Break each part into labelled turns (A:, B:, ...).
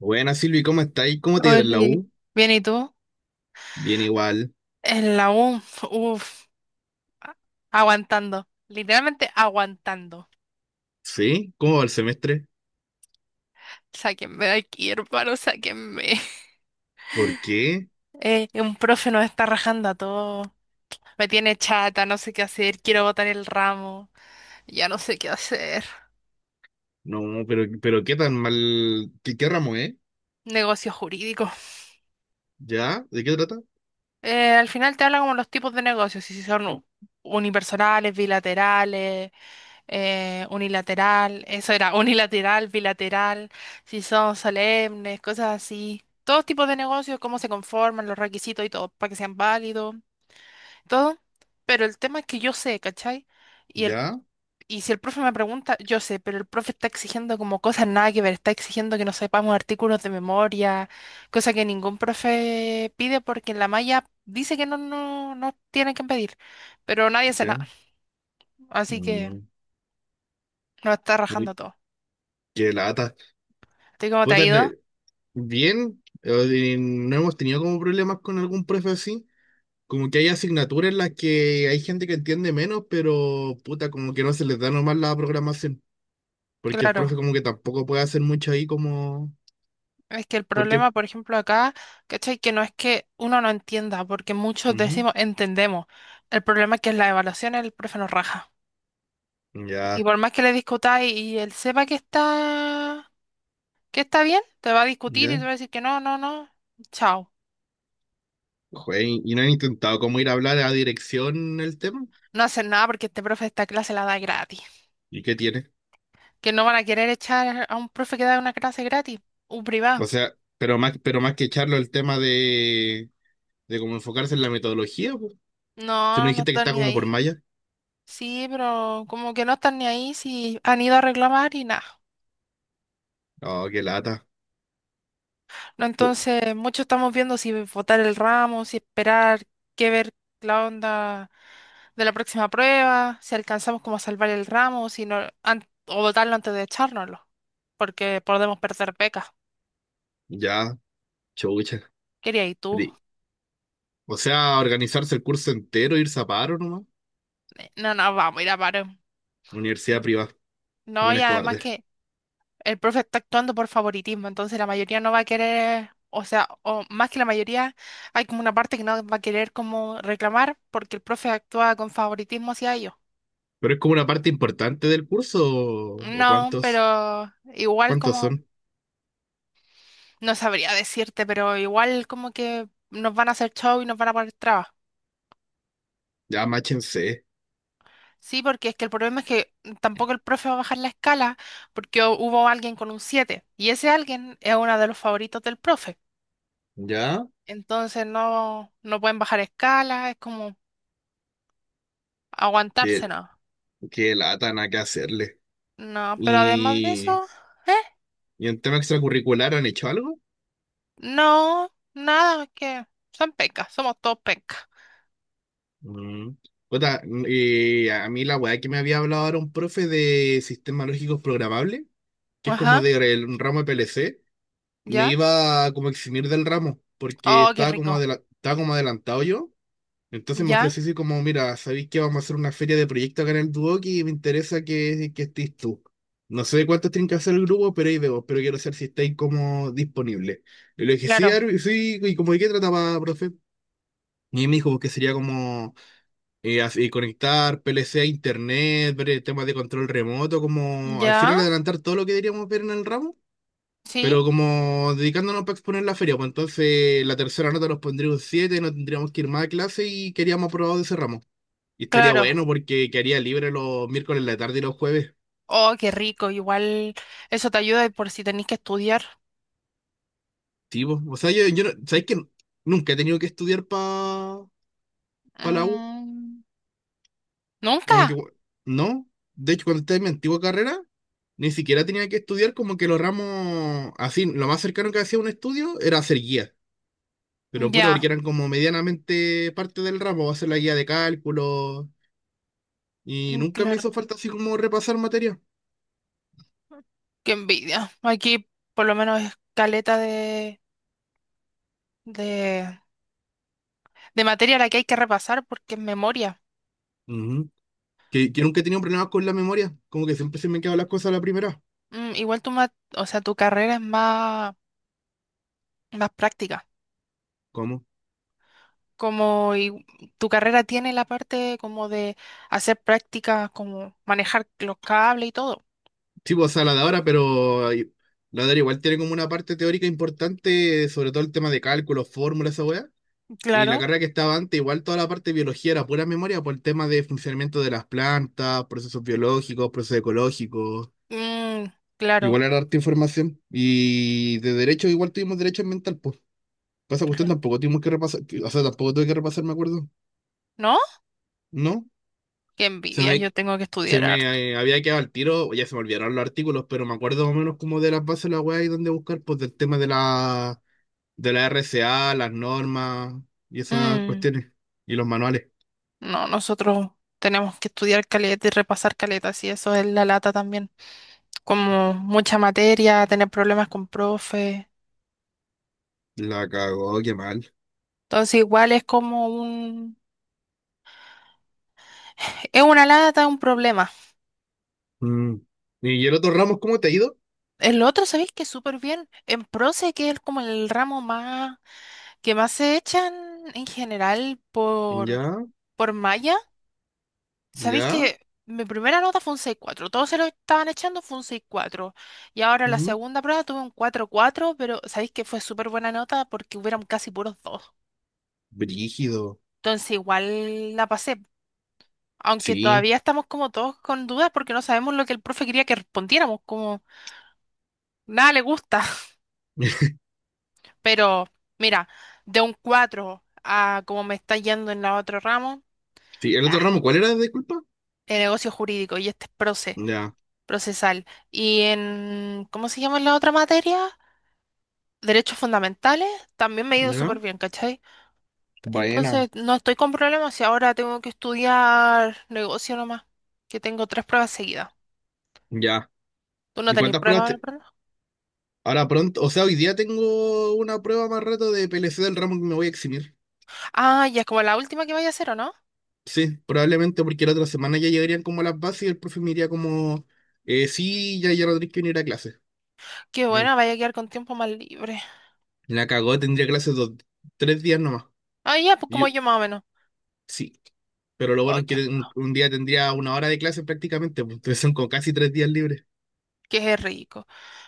A: Buenas Silvi, ¿cómo estáis? ¿Cómo te ha ido en la
B: Oli,
A: U?
B: bien, ¿y tú?
A: Bien igual.
B: En la U, uff, aguantando, literalmente aguantando.
A: ¿Sí? ¿Cómo va el semestre?
B: Sáquenme de aquí, hermano, sáquenme.
A: ¿Por qué?
B: Un profe nos está rajando a todos, me tiene chata, no sé qué hacer, quiero botar el ramo, ya no sé qué hacer.
A: No, pero ¿qué tan mal? ¿Qué ramo es?
B: Negocios jurídicos.
A: ¿Ya? ¿De qué trata?
B: Al final te habla como los tipos de negocios, si son unipersonales, bilaterales, unilateral, eso era, unilateral, bilateral, si son solemnes, cosas así. Todos tipos de negocios, cómo se conforman, los requisitos y todo, para que sean válidos, todo. Pero el tema es que yo sé, ¿cachai? Y, el,
A: ¿Ya?
B: y si el profe me pregunta, yo sé, pero el profe está exigiendo como cosas nada que ver, está exigiendo que nos sepamos artículos de memoria, cosa que ningún profe pide porque en la malla dice que no, no, no tienen que pedir, pero nadie hace nada,
A: ¿Ya?
B: así que
A: Mm,
B: nos está rajando
A: uy,
B: todo.
A: qué lata.
B: ¿Tú cómo te ha
A: Puta,
B: ido?
A: bien, no hemos tenido como problemas con algún profe así. Como que hay asignaturas en las que hay gente que entiende menos, pero puta, como que no se les da nomás la programación. Porque el profe
B: Claro,
A: como que tampoco puede hacer mucho ahí como...
B: es que el
A: Porque...
B: problema, por ejemplo, acá, ¿cachai? Que no es que uno no entienda, porque muchos
A: Ujú.
B: decimos entendemos. El problema es que en las evaluaciones el profe nos raja. Y
A: Ya.
B: por más que le discutáis y él sepa que está bien, te va a discutir y
A: ¿Ya?
B: te va a decir que no, no, no, chao.
A: ¿Y no han intentado cómo ir a hablar a dirección el tema?
B: No hacen nada porque este profe esta clase la da gratis.
A: ¿Y qué tiene?
B: Que no van a querer echar a un profe que da una clase gratis, un
A: O
B: privado.
A: sea, pero más que echarlo el tema de cómo enfocarse en la metodología, po. Si no
B: No, no
A: dijiste que
B: están
A: está
B: ni
A: como por
B: ahí.
A: malla.
B: Sí, pero como que no están ni ahí si han ido a reclamar y nada.
A: Oh, qué lata.
B: ¿No?
A: Uh,
B: Entonces, muchos estamos viendo si votar el ramo, si esperar, qué ver la onda de la próxima prueba, si alcanzamos como a salvar el ramo, si no, o votarlo antes de echárnoslo, porque podemos perder becas.
A: ya, chucha.
B: Quería ir tú.
A: Pri- O sea, organizarse el curso entero, irse a paro nomás.
B: No, no, vamos, mira, paro.
A: Universidad privada.
B: No, y
A: Buenos
B: además
A: cobardes.
B: que el profe está actuando por favoritismo, entonces la mayoría no va a querer, o sea, o más que la mayoría, hay como una parte que no va a querer como reclamar porque el profe actúa con favoritismo hacia ellos.
A: Pero es como una parte importante del curso, ¿o
B: No,
A: cuántos?
B: pero igual
A: ¿Cuántos son?
B: como, no sabría decirte, pero igual como que nos van a hacer show y nos van a poner trabas.
A: Ya, máchense.
B: Sí, porque es que el problema es que tampoco el profe va a bajar la escala porque hubo alguien con un 7 y ese alguien es uno de los favoritos del profe.
A: Ya,
B: Entonces no, no pueden bajar escala, es como
A: qué,
B: aguantarse, ¿no?
A: qué lata, nada que hacerle.
B: No, pero además de
A: Y
B: eso, ¿eh?
A: ¿Y ¿en tema extracurricular han hecho algo?
B: No, nada, es que son pecas, somos todos pecas.
A: Mm. Puta, mm, y a mí la weá que me había hablado era un profe de sistemas lógicos programables, que es como
B: Ajá,
A: de un ramo de PLC, me
B: ya.
A: iba a como eximir del ramo, porque
B: Oh, qué
A: estaba como,
B: rico.
A: estaba como adelantado yo. Entonces me
B: Ya,
A: ofreció así como, mira, ¿sabéis que vamos a hacer una feria de proyectos acá en el Duoc y me interesa que estés tú? No sé cuántos tienen que hacer el grupo, pero ahí veo, pero quiero saber si estáis como disponible. Y le dije, sí,
B: claro.
A: Arvi, sí, y como de qué trataba, profe. Y me dijo que sería como así, conectar PLC a internet, ver temas de control remoto, como al
B: Ya,
A: final adelantar todo lo que deberíamos ver en el ramo,
B: sí,
A: pero como dedicándonos para exponer la feria, pues entonces la tercera nota nos pondría un 7, no tendríamos que ir más a clase y queríamos aprobado de ese ramo. Y estaría
B: claro.
A: bueno porque quedaría libre los miércoles en la tarde y los jueves.
B: Oh, qué rico. Igual eso te ayuda por si tenéis que estudiar.
A: Sí, po. O sea, yo ¿sabes que nunca he tenido que estudiar para la U?
B: Mm,
A: Como que,
B: ¿nunca?
A: no. De hecho, cuando estaba en mi antigua carrera, ni siquiera tenía que estudiar como que los ramos así. Lo más cercano que hacía un estudio era hacer guía. Pero puta,
B: Ya,
A: porque eran como medianamente parte del ramo, hacer la guía de cálculo. Y
B: mm,
A: nunca me
B: claro.
A: hizo falta así como repasar materia.
B: Qué envidia. Aquí por lo menos es caleta de, de materia la que hay que repasar porque es memoria.
A: Ujú. Que nunca he tenido problemas con la memoria. Como que siempre se me han quedado las cosas a la primera.
B: Mm, igual tu, o sea, tu carrera es más, más práctica.
A: ¿Cómo?
B: Como y- Tu carrera tiene la parte como de hacer prácticas, como manejar los cables y todo.
A: Sí, pues, o sea, la de ahora, pero ay, la de ahora igual tiene como una parte teórica importante, sobre todo el tema de cálculos, fórmulas, esa weá. Y la
B: Claro.
A: carrera que estaba antes, igual toda la parte de biología era pura memoria por el tema de funcionamiento de las plantas, procesos biológicos, procesos ecológicos.
B: Mm, claro.
A: Igual era harta información. Y de derecho, igual tuvimos derecho ambiental, pues. Pasa cuestión, tampoco tuvimos que repasar, o sea, tampoco tuve que repasar, me acuerdo.
B: ¿No?
A: ¿No?
B: Qué
A: Se
B: envidia, yo
A: me,
B: tengo que
A: se
B: estudiar harto.
A: me había quedado al tiro, ya se me olvidaron los artículos, pero me acuerdo más o menos como de las bases de la web y dónde buscar, pues del tema de la RCA las normas y esas
B: Mm,
A: cuestiones. Y los manuales.
B: no, nosotros tenemos que estudiar caleta y repasar caleta, y eso es la lata también. Como mucha materia, tener problemas con profe.
A: La cagó, qué mal.
B: Entonces igual es como un... Es una lata, un problema.
A: Mm. ¿Y el otro Ramos, cómo te ha ido?
B: El otro, ¿sabéis que súper bien? En Proce, que es como el ramo más... que más se echan en general
A: Ya,
B: por malla. Sabéis que
A: ya.
B: mi primera nota fue un 6,4. Todos se lo estaban echando, fue un 6,4. Y ahora la
A: Mm,
B: segunda prueba tuve un 4,4, pero sabéis que fue súper buena nota porque hubieron casi puros dos.
A: brígido.
B: Entonces igual la pasé. Aunque
A: Sí.
B: todavía estamos como todos con dudas porque no sabemos lo que el profe quería que respondiéramos, como nada le gusta. Pero mira, de un 4 a como me está yendo en la otro ramo,
A: Sí, el
B: ah,
A: otro Ramos, ¿cuál era? Disculpa.
B: el negocio jurídico y este es proce,
A: Ya,
B: procesal. Y en, ¿cómo se llama la otra materia? Derechos fundamentales, también me ha ido súper
A: ya.
B: bien, ¿cachai?
A: Buena.
B: Entonces, no estoy con problemas y ahora tengo que estudiar negocio nomás, que tengo tres pruebas seguidas.
A: Ya.
B: ¿Tú no
A: ¿Y
B: tenés
A: cuántas
B: pruebas
A: pruebas
B: ahora, perdón?
A: Ahora pronto, o sea, hoy día tengo una prueba más rato de PLC del ramo que me voy a eximir.
B: Ah, ya es como la última que vaya a hacer, ¿o no?
A: Sí, probablemente porque la otra semana ya llegarían como a las bases y el profe me diría como, sí, ya, ya no tenés que venir a clase.
B: Qué buena,
A: Eh,
B: vaya a quedar con tiempo más libre.
A: la cagó, tendría clases dos, tres días nomás.
B: Ah, ya, pues como
A: Y,
B: yo más o menos.
A: sí, pero lo bueno
B: Ay,
A: es
B: qué
A: que
B: rico,
A: un día tendría una hora de clase prácticamente, pues entonces son como casi tres días libres.
B: qué rico.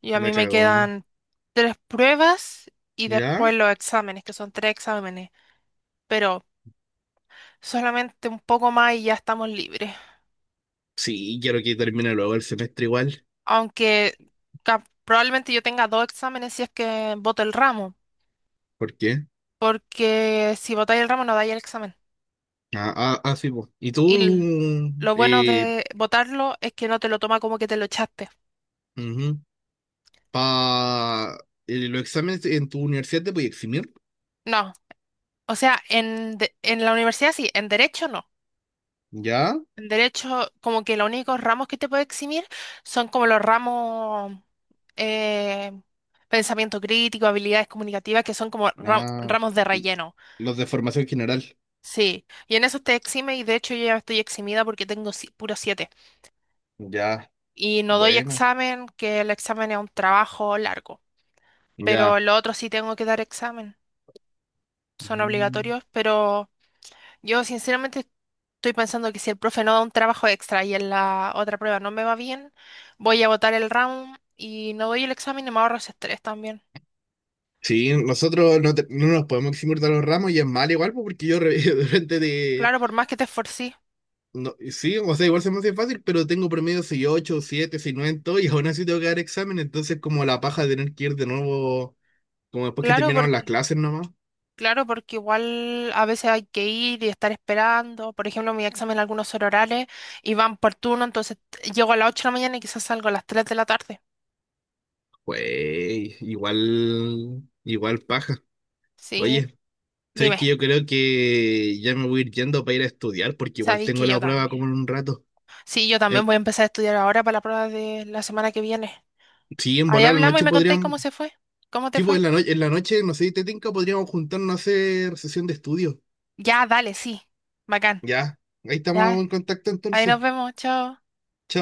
B: Y a
A: La
B: mí me
A: cago, ¿no?
B: quedan tres pruebas y
A: ¿Ya?
B: después los exámenes, que son tres exámenes, pero solamente un poco más y ya estamos libres.
A: Sí, quiero que termine luego el semestre igual.
B: Aunque probablemente yo tenga dos exámenes si es que voto el ramo,
A: ¿Por qué?
B: porque si votáis el ramo no dais el examen.
A: Ah, ah, ah, sí, pues. ¿Y tú,
B: Y lo bueno
A: eh,
B: de votarlo es que no te lo toma como que te lo echaste.
A: ujú, pa, los exámenes en tu universidad te puedes eximir?
B: No, o sea, en, en la universidad sí, en derecho no.
A: ¿Ya?
B: En derecho como que los únicos ramos que te puede eximir son como los ramos eh, pensamiento crítico, habilidades comunicativas, que son como
A: Ah,
B: ramos de relleno.
A: los de formación general.
B: Sí, y en eso te exime y de hecho yo ya estoy eximida porque tengo puro 7
A: Ya,
B: y no doy
A: buena.
B: examen, que el examen es un trabajo largo, pero
A: Ya.
B: lo otro sí tengo que dar examen, son
A: Mm.
B: obligatorios, pero yo sinceramente estoy pensando que si el profe no da un trabajo extra y en la otra prueba no me va bien, voy a botar el round y no doy el examen y me ahorro ese estrés también.
A: Sí, nosotros no, te- no nos podemos eximir de los ramos y es mal igual, pues, porque yo re- de repente de...
B: Claro, por más que te esforcí.
A: no- sí, o sea, igual se me hace fácil, pero tengo promedio 8, 7, 9 en todo y aún así tengo que dar examen, entonces como la paja de tener que ir de nuevo, como después que
B: Claro,
A: terminaron las
B: porque
A: clases nomás,
B: Claro, porque igual a veces hay que ir y estar esperando. Por ejemplo, mi examen algunos son orales y van por turno, entonces llego a las 8 de la mañana y quizás salgo a las 3 de la tarde.
A: pues igual, igual paja.
B: Sí,
A: Oye, sabes que
B: dime,
A: yo creo que ya me voy a ir yendo para ir a estudiar, porque igual
B: sabéis que
A: tengo
B: yo
A: la prueba
B: también.
A: como en un rato.
B: Sí, yo
A: Eh,
B: también voy a empezar a estudiar ahora para la prueba de la semana que viene.
A: sí, en
B: Ahí
A: volar la
B: hablamos y
A: noche
B: me contáis
A: podríamos,
B: cómo se fue, cómo te
A: Tipo,
B: fue.
A: en la noche, no sé si te tinca, podríamos juntarnos a hacer sesión de estudio.
B: Ya, dale, sí, bacán.
A: Ya, ahí estamos
B: Ya,
A: en contacto
B: ahí
A: entonces.
B: nos vemos, chao.
A: Chao.